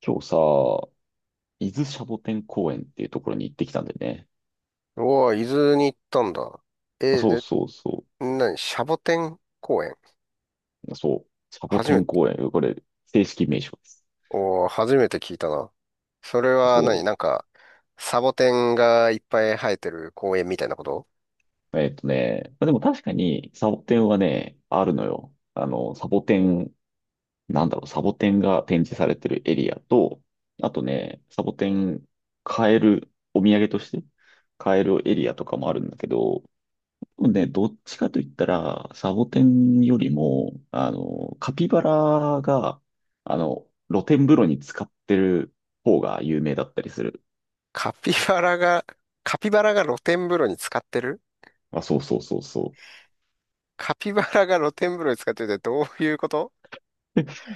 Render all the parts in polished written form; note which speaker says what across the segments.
Speaker 1: 今日さ、伊豆シャボテン公園っていうところに行ってきたんでね。
Speaker 2: うわ、伊豆に行ったんだ。
Speaker 1: あ
Speaker 2: え、
Speaker 1: そう
Speaker 2: で、
Speaker 1: そうそ
Speaker 2: 何シャボテン公園。
Speaker 1: う。そう。シャボ
Speaker 2: 初
Speaker 1: テ
Speaker 2: め
Speaker 1: ン
Speaker 2: て、
Speaker 1: 公園。これ、正式名称です。
Speaker 2: おー、初めて聞いたな。それは何
Speaker 1: そ
Speaker 2: なんか、サボテンがいっぱい生えてる公園みたいなこと。
Speaker 1: う。まあでも確かに、サボテンはね、あるのよ。サボテン、サボテンが展示されてるエリアと、あとね、サボテン買える、お土産として買えるエリアとかもあるんだけど、ね、どっちかと言ったら、サボテンよりも、カピバラが、露天風呂に使ってる方が有名だったりする。
Speaker 2: カピバラが、カピバラが露天風呂に使ってる。
Speaker 1: あ、そうそう。
Speaker 2: カピバラが露天風呂に使ってるってどういうこと？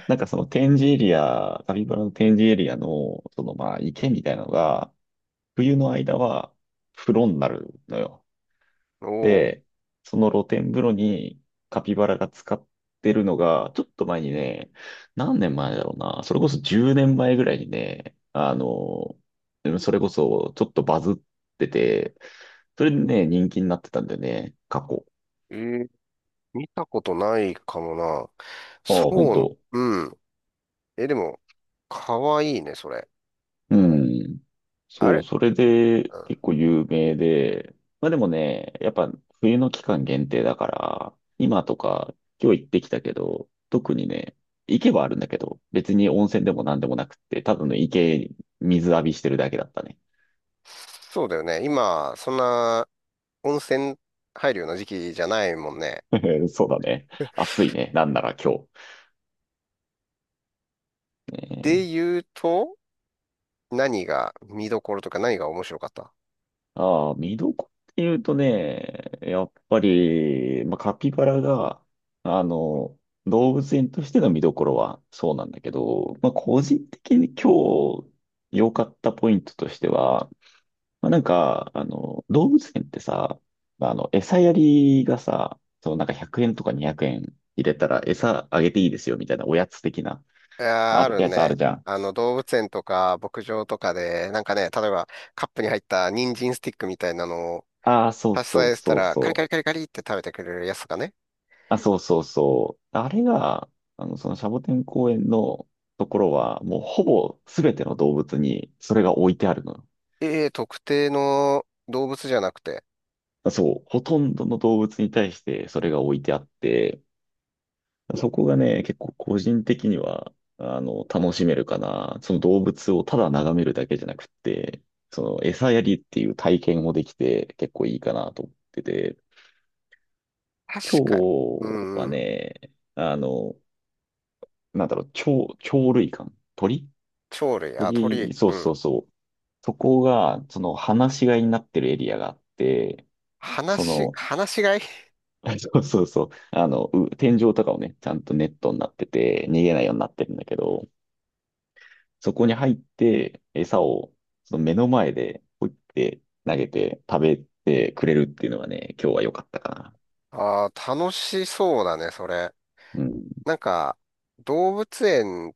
Speaker 1: なんかその展示エリア、カピバラの展示エリアの、そのまあ池みたいなのが、冬の間は風呂になるのよ。
Speaker 2: おお
Speaker 1: で、その露天風呂にカピバラが使ってるのが、ちょっと前にね、何年前だろうな、それこそ10年前ぐらいにね、それこそちょっとバズってて、それでね、人気になってたんだよね、過去。
Speaker 2: ー。ー見たことないかもな。
Speaker 1: ああ、本
Speaker 2: そう、
Speaker 1: 当。
Speaker 2: うん。え、でも、かわいいね、それ。
Speaker 1: うん。
Speaker 2: あ
Speaker 1: そう、
Speaker 2: れ。
Speaker 1: それで
Speaker 2: うん。
Speaker 1: 結構有名で、まあでもね、やっぱ冬の期間限定だから、今とか今日行ってきたけど、特にね、池はあるんだけど、別に温泉でも何でもなくって、ただの池に水浴びしてるだけだったね。
Speaker 2: そうだよね。今、そんな、温泉入るような時期じゃないもんね。
Speaker 1: そうだね。暑いね。なんなら今日。
Speaker 2: で
Speaker 1: ね。
Speaker 2: 言うと、何が見どころとか何が面白かった？
Speaker 1: ああ、見どころっていうとね、やっぱり、まあ、カピバラが、あの、動物園としての見どころはそうなんだけど、まあ、個人的に今日良かったポイントとしては、まあ、動物園ってさ、餌やりがさ、そう、なんか100円とか200円入れたら餌あげていいですよみたいなおやつ的な、
Speaker 2: いやー、
Speaker 1: あ
Speaker 2: あ
Speaker 1: れ、
Speaker 2: る
Speaker 1: やつあ
Speaker 2: ね。
Speaker 1: るじゃん。
Speaker 2: あの、動物園とか牧場とかで、なんかね、例えばカップに入った人参スティックみたいなのを
Speaker 1: ああ、そう
Speaker 2: 差し支
Speaker 1: そう
Speaker 2: えした
Speaker 1: そう
Speaker 2: ら、カリカ
Speaker 1: そ
Speaker 2: リカ
Speaker 1: う。
Speaker 2: リカリって食べてくれるやつとかね。
Speaker 1: あ、そうそう。あれが、そのシャボテン公園のところは、もうほぼ全ての動物にそれが置いてあるのよ。
Speaker 2: ええ、特定の動物じゃなくて、
Speaker 1: そう、ほとんどの動物に対してそれが置いてあって、そこがね、結構個人的には、楽しめるかな。その動物をただ眺めるだけじゃなくって、その餌やりっていう体験もできて結構いいかなと思ってて、
Speaker 2: 確
Speaker 1: 今
Speaker 2: かに。う
Speaker 1: 日
Speaker 2: ん
Speaker 1: は
Speaker 2: うん。
Speaker 1: ね、あの、鳥、鳥類館、鳥
Speaker 2: 鳥類、あ、鳥、
Speaker 1: 鳥、そう
Speaker 2: う
Speaker 1: そ
Speaker 2: ん。
Speaker 1: うそう。そこが、その、放し飼いになってるエリアがあって、
Speaker 2: 話
Speaker 1: そ
Speaker 2: し、
Speaker 1: の、
Speaker 2: 話し飼い
Speaker 1: そうそう。あの、天井とかをね、ちゃんとネットになってて、逃げないようになってるんだけど、そこに入って、餌を、その目の前で、ポイって投げて、食べてくれるっていうのがね、今日は良かったかな。
Speaker 2: ああ。楽しそうだね、それ。
Speaker 1: うん。
Speaker 2: なんか、動物園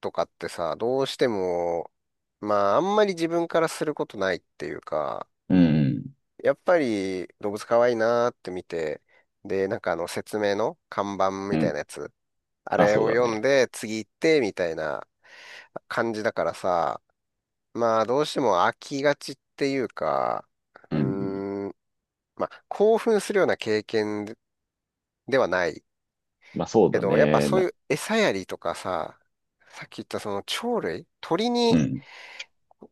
Speaker 2: とかってさ、どうしても、まあ、あんまり自分からすることないっていうか、
Speaker 1: うん。
Speaker 2: やっぱり動物可愛いなーって見て、で、なんかあの説明の看板
Speaker 1: う
Speaker 2: みたい
Speaker 1: ん。
Speaker 2: なやつ、あ
Speaker 1: あ、
Speaker 2: れ
Speaker 1: そう
Speaker 2: を
Speaker 1: だ
Speaker 2: 読ん
Speaker 1: ね。
Speaker 2: で次行ってみたいな感じだからさ、まあ、どうしても飽きがちっていうか、う
Speaker 1: うん。
Speaker 2: ーん、まあ、興奮するような経験ではない。
Speaker 1: まあ、そう
Speaker 2: け
Speaker 1: だ
Speaker 2: ど、やっぱ
Speaker 1: ね。
Speaker 2: そうい
Speaker 1: な、
Speaker 2: う餌やりとかさ、さっき言ったその鳥類、鳥
Speaker 1: う
Speaker 2: に
Speaker 1: ん。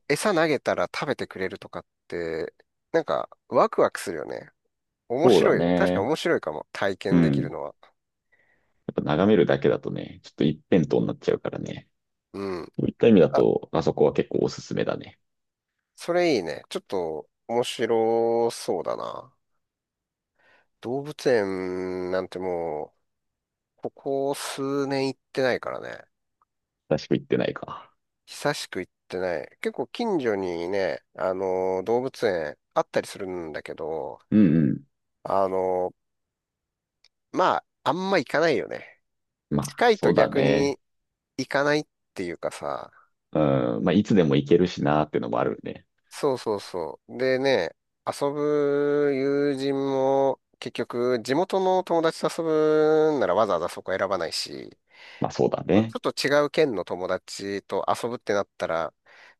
Speaker 2: 餌投げたら食べてくれるとかって、なんかワクワクするよね。面
Speaker 1: そうだ
Speaker 2: 白い。確かに
Speaker 1: ね。
Speaker 2: 面白いかも。体
Speaker 1: う
Speaker 2: 験できる
Speaker 1: ん。
Speaker 2: のは。
Speaker 1: やっぱ眺めるだけだとね、ちょっと一辺倒になっちゃうからね。
Speaker 2: うん。
Speaker 1: そういった意味だ
Speaker 2: あ、
Speaker 1: と、あそこは結構おすすめだね。
Speaker 2: それいいね。ちょっと面白そうだな。動物園なんてもう、ここ数年行ってないからね。
Speaker 1: 確か行ってないか。
Speaker 2: 久しく行ってない。結構近所にね、あの動物園あったりするんだけど、
Speaker 1: うんうん。
Speaker 2: あのまあ、あんま行かないよね。
Speaker 1: まあ、
Speaker 2: 近い
Speaker 1: そ
Speaker 2: と
Speaker 1: うだ
Speaker 2: 逆
Speaker 1: ね。
Speaker 2: に行かないっていうかさ、
Speaker 1: うん。まあ、いつでも行けるしなーってのもあるね。
Speaker 2: そうそうそう。でね、遊ぶ友人も結局地元の友達と遊ぶんならわざわざそこ選ばないし、
Speaker 1: まあ、そうだ
Speaker 2: ちょ
Speaker 1: ね。
Speaker 2: っと違う県の友達と遊ぶってなったら、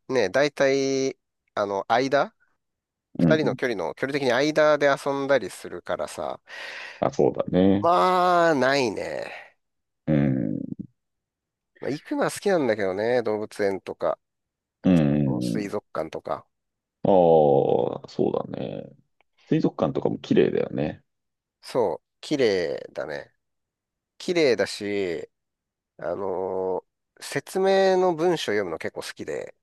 Speaker 2: ね、大体、間、
Speaker 1: うん
Speaker 2: 二人
Speaker 1: う
Speaker 2: の
Speaker 1: ん。
Speaker 2: 距離の、距離的に間で遊んだりするからさ、
Speaker 1: まあ、そうだね。
Speaker 2: まあ、ないね。
Speaker 1: うん。
Speaker 2: まあ行くのは好きなんだけどね、動物園とか、
Speaker 1: うん。
Speaker 2: 水族館とか。
Speaker 1: ああ、そうだね。水族館とかも綺麗だよね。
Speaker 2: そう、綺麗だね。綺麗だし、あのー説明の文章読むの結構好きで、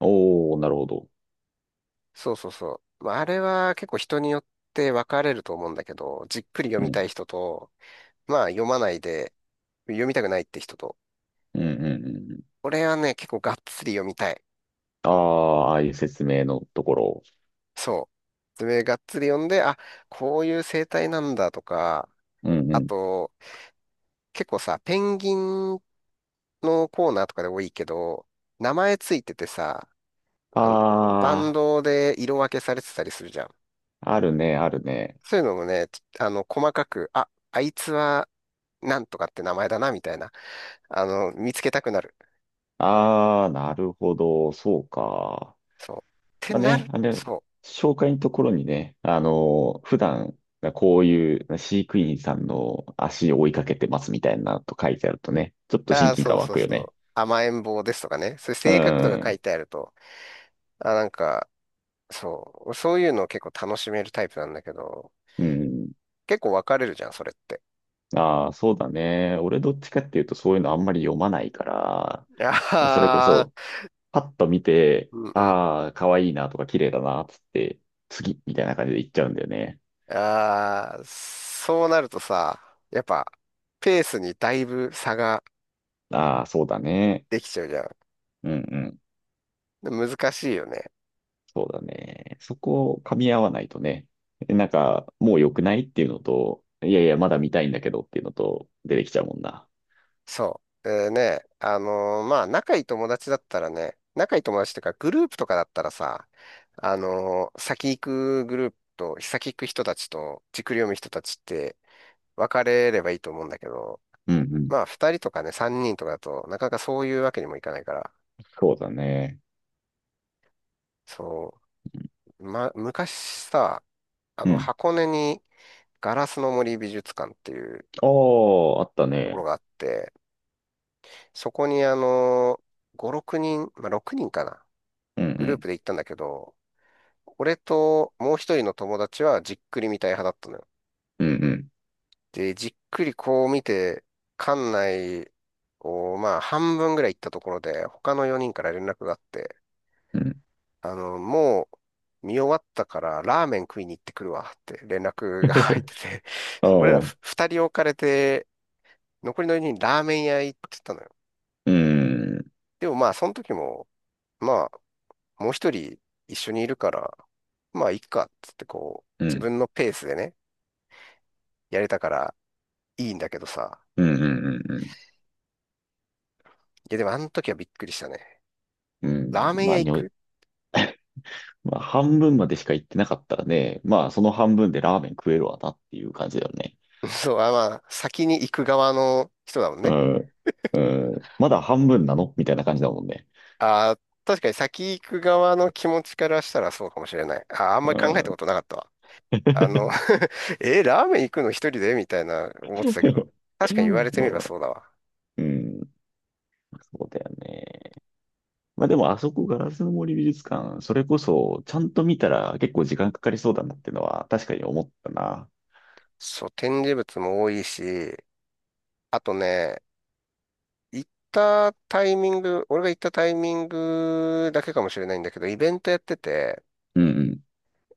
Speaker 1: おお、なるほど。
Speaker 2: そうそうそう。まあ、あれは結構人によって分かれると思うんだけど、じっくり読
Speaker 1: う
Speaker 2: み
Speaker 1: ん。
Speaker 2: たい人と、まあ読まないで、読みたくないって人と、
Speaker 1: うんうん。
Speaker 2: 俺はね、結構がっつり読みたい。
Speaker 1: ああ、ああいう説明のところ。
Speaker 2: そう。説明がっつり読んで、あ、こういう生態なんだとか、
Speaker 1: うんう
Speaker 2: あ
Speaker 1: ん。
Speaker 2: と、結構さ、ペンギンのコーナーとかで多いけど、名前ついててさ、あの、バン
Speaker 1: あ
Speaker 2: ドで色分けされてたりするじゃん。
Speaker 1: あ、あるね、あるね。
Speaker 2: そういうのもね、細かく、あ、あいつはなんとかって名前だな、みたいな、見つけたくなる。
Speaker 1: ああ、なるほど。そうか。
Speaker 2: そう。って
Speaker 1: まあ
Speaker 2: な
Speaker 1: ね、
Speaker 2: る。
Speaker 1: あれ、
Speaker 2: そ
Speaker 1: 紹介のところにね、普段、こういう飼育員さんの足を追いかけてますみたいなと書いてあるとね、ちょっ
Speaker 2: う。
Speaker 1: と
Speaker 2: あ
Speaker 1: 親
Speaker 2: あ、
Speaker 1: 近
Speaker 2: そ
Speaker 1: 感
Speaker 2: う
Speaker 1: 湧
Speaker 2: そう
Speaker 1: くよ
Speaker 2: そ
Speaker 1: ね。
Speaker 2: う。甘えん坊ですとかね。そういう
Speaker 1: う
Speaker 2: 性格とか書い
Speaker 1: ん。
Speaker 2: てあると、あ、なんか、そう。そういうのを結構楽しめるタイプなんだけど、
Speaker 1: うん。
Speaker 2: 結構分かれるじゃん、それって。
Speaker 1: ああ、そうだね。俺どっちかっていうとそういうのあんまり読まないから、それこ
Speaker 2: ああ、
Speaker 1: そ、パッと見て、
Speaker 2: うんうん。
Speaker 1: ああ、可愛いなとか綺麗だな、つって、次みたいな感じで行っちゃうんだよね。
Speaker 2: ああ、そうなるとさ、やっぱ、ペースにだいぶ差が
Speaker 1: ああ、そうだね。
Speaker 2: できちゃうじゃん。
Speaker 1: うんうん。
Speaker 2: で難しいよね。
Speaker 1: そうだね。そこを噛み合わないとね、なんか、もう良くないっていうのと、いやいや、まだ見たいんだけどっていうのと、出てきちゃうもんな。
Speaker 2: そう。でね、まあ、仲いい友達だったらね、仲いい友達っていうか、グループとかだったらさ、先行くグループと、先行く人たちと、じっくり読む人たちって分かれればいいと思うんだけど、
Speaker 1: うんうん。
Speaker 2: まあ、二人とかね、三人とかだと、なかなかそういうわけにもいかないから、
Speaker 1: そうだね。
Speaker 2: そう、ま、昔さ、
Speaker 1: うん。
Speaker 2: 箱根にガラスの森美術館っていう
Speaker 1: ああ、あった
Speaker 2: ところ
Speaker 1: ね。
Speaker 2: があって、そこに5、人、まあ、6人かな。
Speaker 1: うんう
Speaker 2: グルー
Speaker 1: ん。
Speaker 2: プで行ったんだけど、俺ともう一人の友達はじっくり見たい派だったのよ。
Speaker 1: うん
Speaker 2: で、じっくりこう見て、館内をまあ半分ぐらい行ったところで、他の4人から連絡があって、
Speaker 1: うん。うん。
Speaker 2: あの、もう見終わったからラーメン食いに行ってくるわって連絡が 入って て、
Speaker 1: あ
Speaker 2: そう俺ら
Speaker 1: あ、
Speaker 2: 2人置かれて、残りの4人ラーメン屋行ってたのよ。
Speaker 1: うん。
Speaker 2: でもまあその時も、まあもう一人一緒にいるから、まあいっかっつってこう、
Speaker 1: う
Speaker 2: 自
Speaker 1: ん。
Speaker 2: 分のペースでね、やれたからいいんだけどさ。
Speaker 1: うんうんうん
Speaker 2: いや、でもあの時はびっくりしたね。
Speaker 1: うん。うん。
Speaker 2: ラーメン
Speaker 1: ま
Speaker 2: 屋
Speaker 1: あ、
Speaker 2: 行
Speaker 1: にょ、
Speaker 2: く。
Speaker 1: まあ、半分までしか行ってなかったらね、まあ、その半分でラーメン食えるわなっていう感じだよね。
Speaker 2: そう、あ、まあ、先に行く側の人だもん
Speaker 1: う
Speaker 2: ね。
Speaker 1: ん。うん。まだ半分なのみたいな感じだもんね。
Speaker 2: あー、確かに先行く側の気持ちからしたらそうかもしれない。あー、あんまり
Speaker 1: う
Speaker 2: 考えたこ
Speaker 1: ん。
Speaker 2: となかったわ。あの え、ラーメン行くの一人でみたいな思ってたけど。
Speaker 1: う
Speaker 2: 確かに言わ
Speaker 1: ん
Speaker 2: れて
Speaker 1: ま
Speaker 2: み
Speaker 1: あ
Speaker 2: れば
Speaker 1: まあ、
Speaker 2: そうだわ。
Speaker 1: うん、そうだよね。まあでも、あそこ、ガラスの森美術館、それこそ、ちゃんと見たら結構時間かかりそうだなってのは、確かに思ったな。
Speaker 2: そう、展示物も多いし、あとね、行ったタイミング、俺が行ったタイミングだけかもしれないんだけど、イベントやってて、
Speaker 1: うんうん。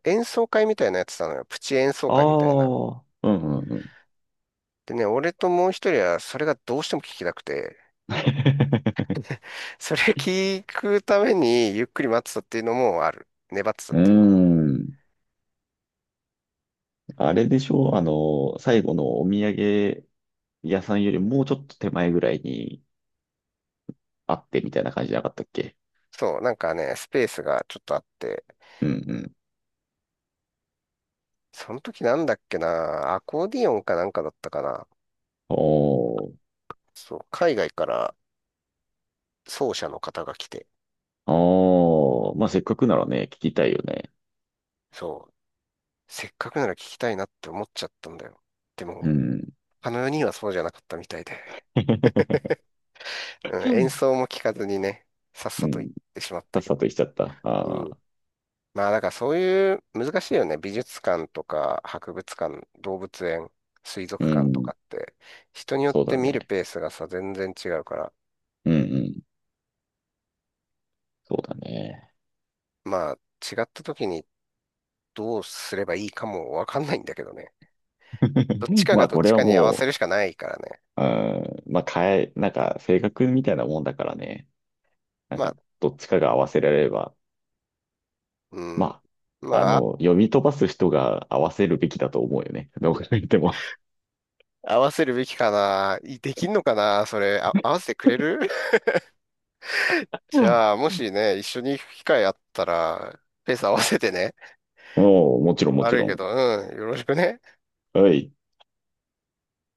Speaker 2: 演奏会みたいなやつてたのよ。プチ演奏
Speaker 1: あ
Speaker 2: 会みたいな。
Speaker 1: あ、うんうんうん。
Speaker 2: でね、俺ともう一人はそれがどうしても聞きたくて、それ聞くためにゆっくり待ってたっていうのもある。粘って た
Speaker 1: う
Speaker 2: っ
Speaker 1: ー
Speaker 2: ていうのも。
Speaker 1: ん。あれでしょあの、最後のお土産屋さんよりもうちょっと手前ぐらいにあってみたいな感じじゃなかったっけ。
Speaker 2: そう、なんかね、スペースがちょっとあって、
Speaker 1: うんうん。
Speaker 2: その時なんだっけな、アコーディオンかなんかだったかな。
Speaker 1: おー、
Speaker 2: そう、海外から奏者の方が来て、
Speaker 1: おー、まあせっかくならね、聞きたいよね。
Speaker 2: そう、せっかくなら聞きたいなって思っちゃったんだよ。で
Speaker 1: う
Speaker 2: も、
Speaker 1: ん。
Speaker 2: あの4人はそうじゃなかったみたいで、う
Speaker 1: う
Speaker 2: ん、演
Speaker 1: ん。
Speaker 2: 奏も聞かずにね、さっさと行っ てしまっ
Speaker 1: さ
Speaker 2: た
Speaker 1: っ
Speaker 2: け
Speaker 1: さと
Speaker 2: ど。
Speaker 1: 行っちゃった。
Speaker 2: う
Speaker 1: あ
Speaker 2: ん、
Speaker 1: あ、
Speaker 2: まあだからそういう難しいよね。美術館とか博物館、動物園、水
Speaker 1: う
Speaker 2: 族館と
Speaker 1: ん、
Speaker 2: かって人によっ
Speaker 1: そう
Speaker 2: て
Speaker 1: だ
Speaker 2: 見る
Speaker 1: ね。
Speaker 2: ペースがさ全然違うから、
Speaker 1: うんうん、そうだね。
Speaker 2: まあ違った時にどうすればいいかもわかんないんだけどね。どっち か
Speaker 1: ま
Speaker 2: が
Speaker 1: あ、
Speaker 2: どっ
Speaker 1: これ
Speaker 2: ち
Speaker 1: は
Speaker 2: かに合わせ
Speaker 1: も
Speaker 2: るしかないからね。
Speaker 1: う、うん、まあ、変え、なんか、性格みたいなもんだからね。なん
Speaker 2: ま
Speaker 1: か、
Speaker 2: あ、
Speaker 1: どっちかが合わせられれば、
Speaker 2: うん。
Speaker 1: ま
Speaker 2: ま
Speaker 1: あ、
Speaker 2: あ、あ、
Speaker 1: 読み飛ばす人が合わせるべきだと思うよね。どう考えても。
Speaker 2: 合わせるべきかな。いできんのかな。それ、あ、合わせてくれる。
Speaker 1: う
Speaker 2: じ
Speaker 1: ん。
Speaker 2: ゃあ、もしね、一緒に行く機会あったら、ペース合わせてね。
Speaker 1: もう、もちろん、もち
Speaker 2: 悪い
Speaker 1: ろ
Speaker 2: け
Speaker 1: ん。
Speaker 2: ど、うん。よろしくね。
Speaker 1: はい。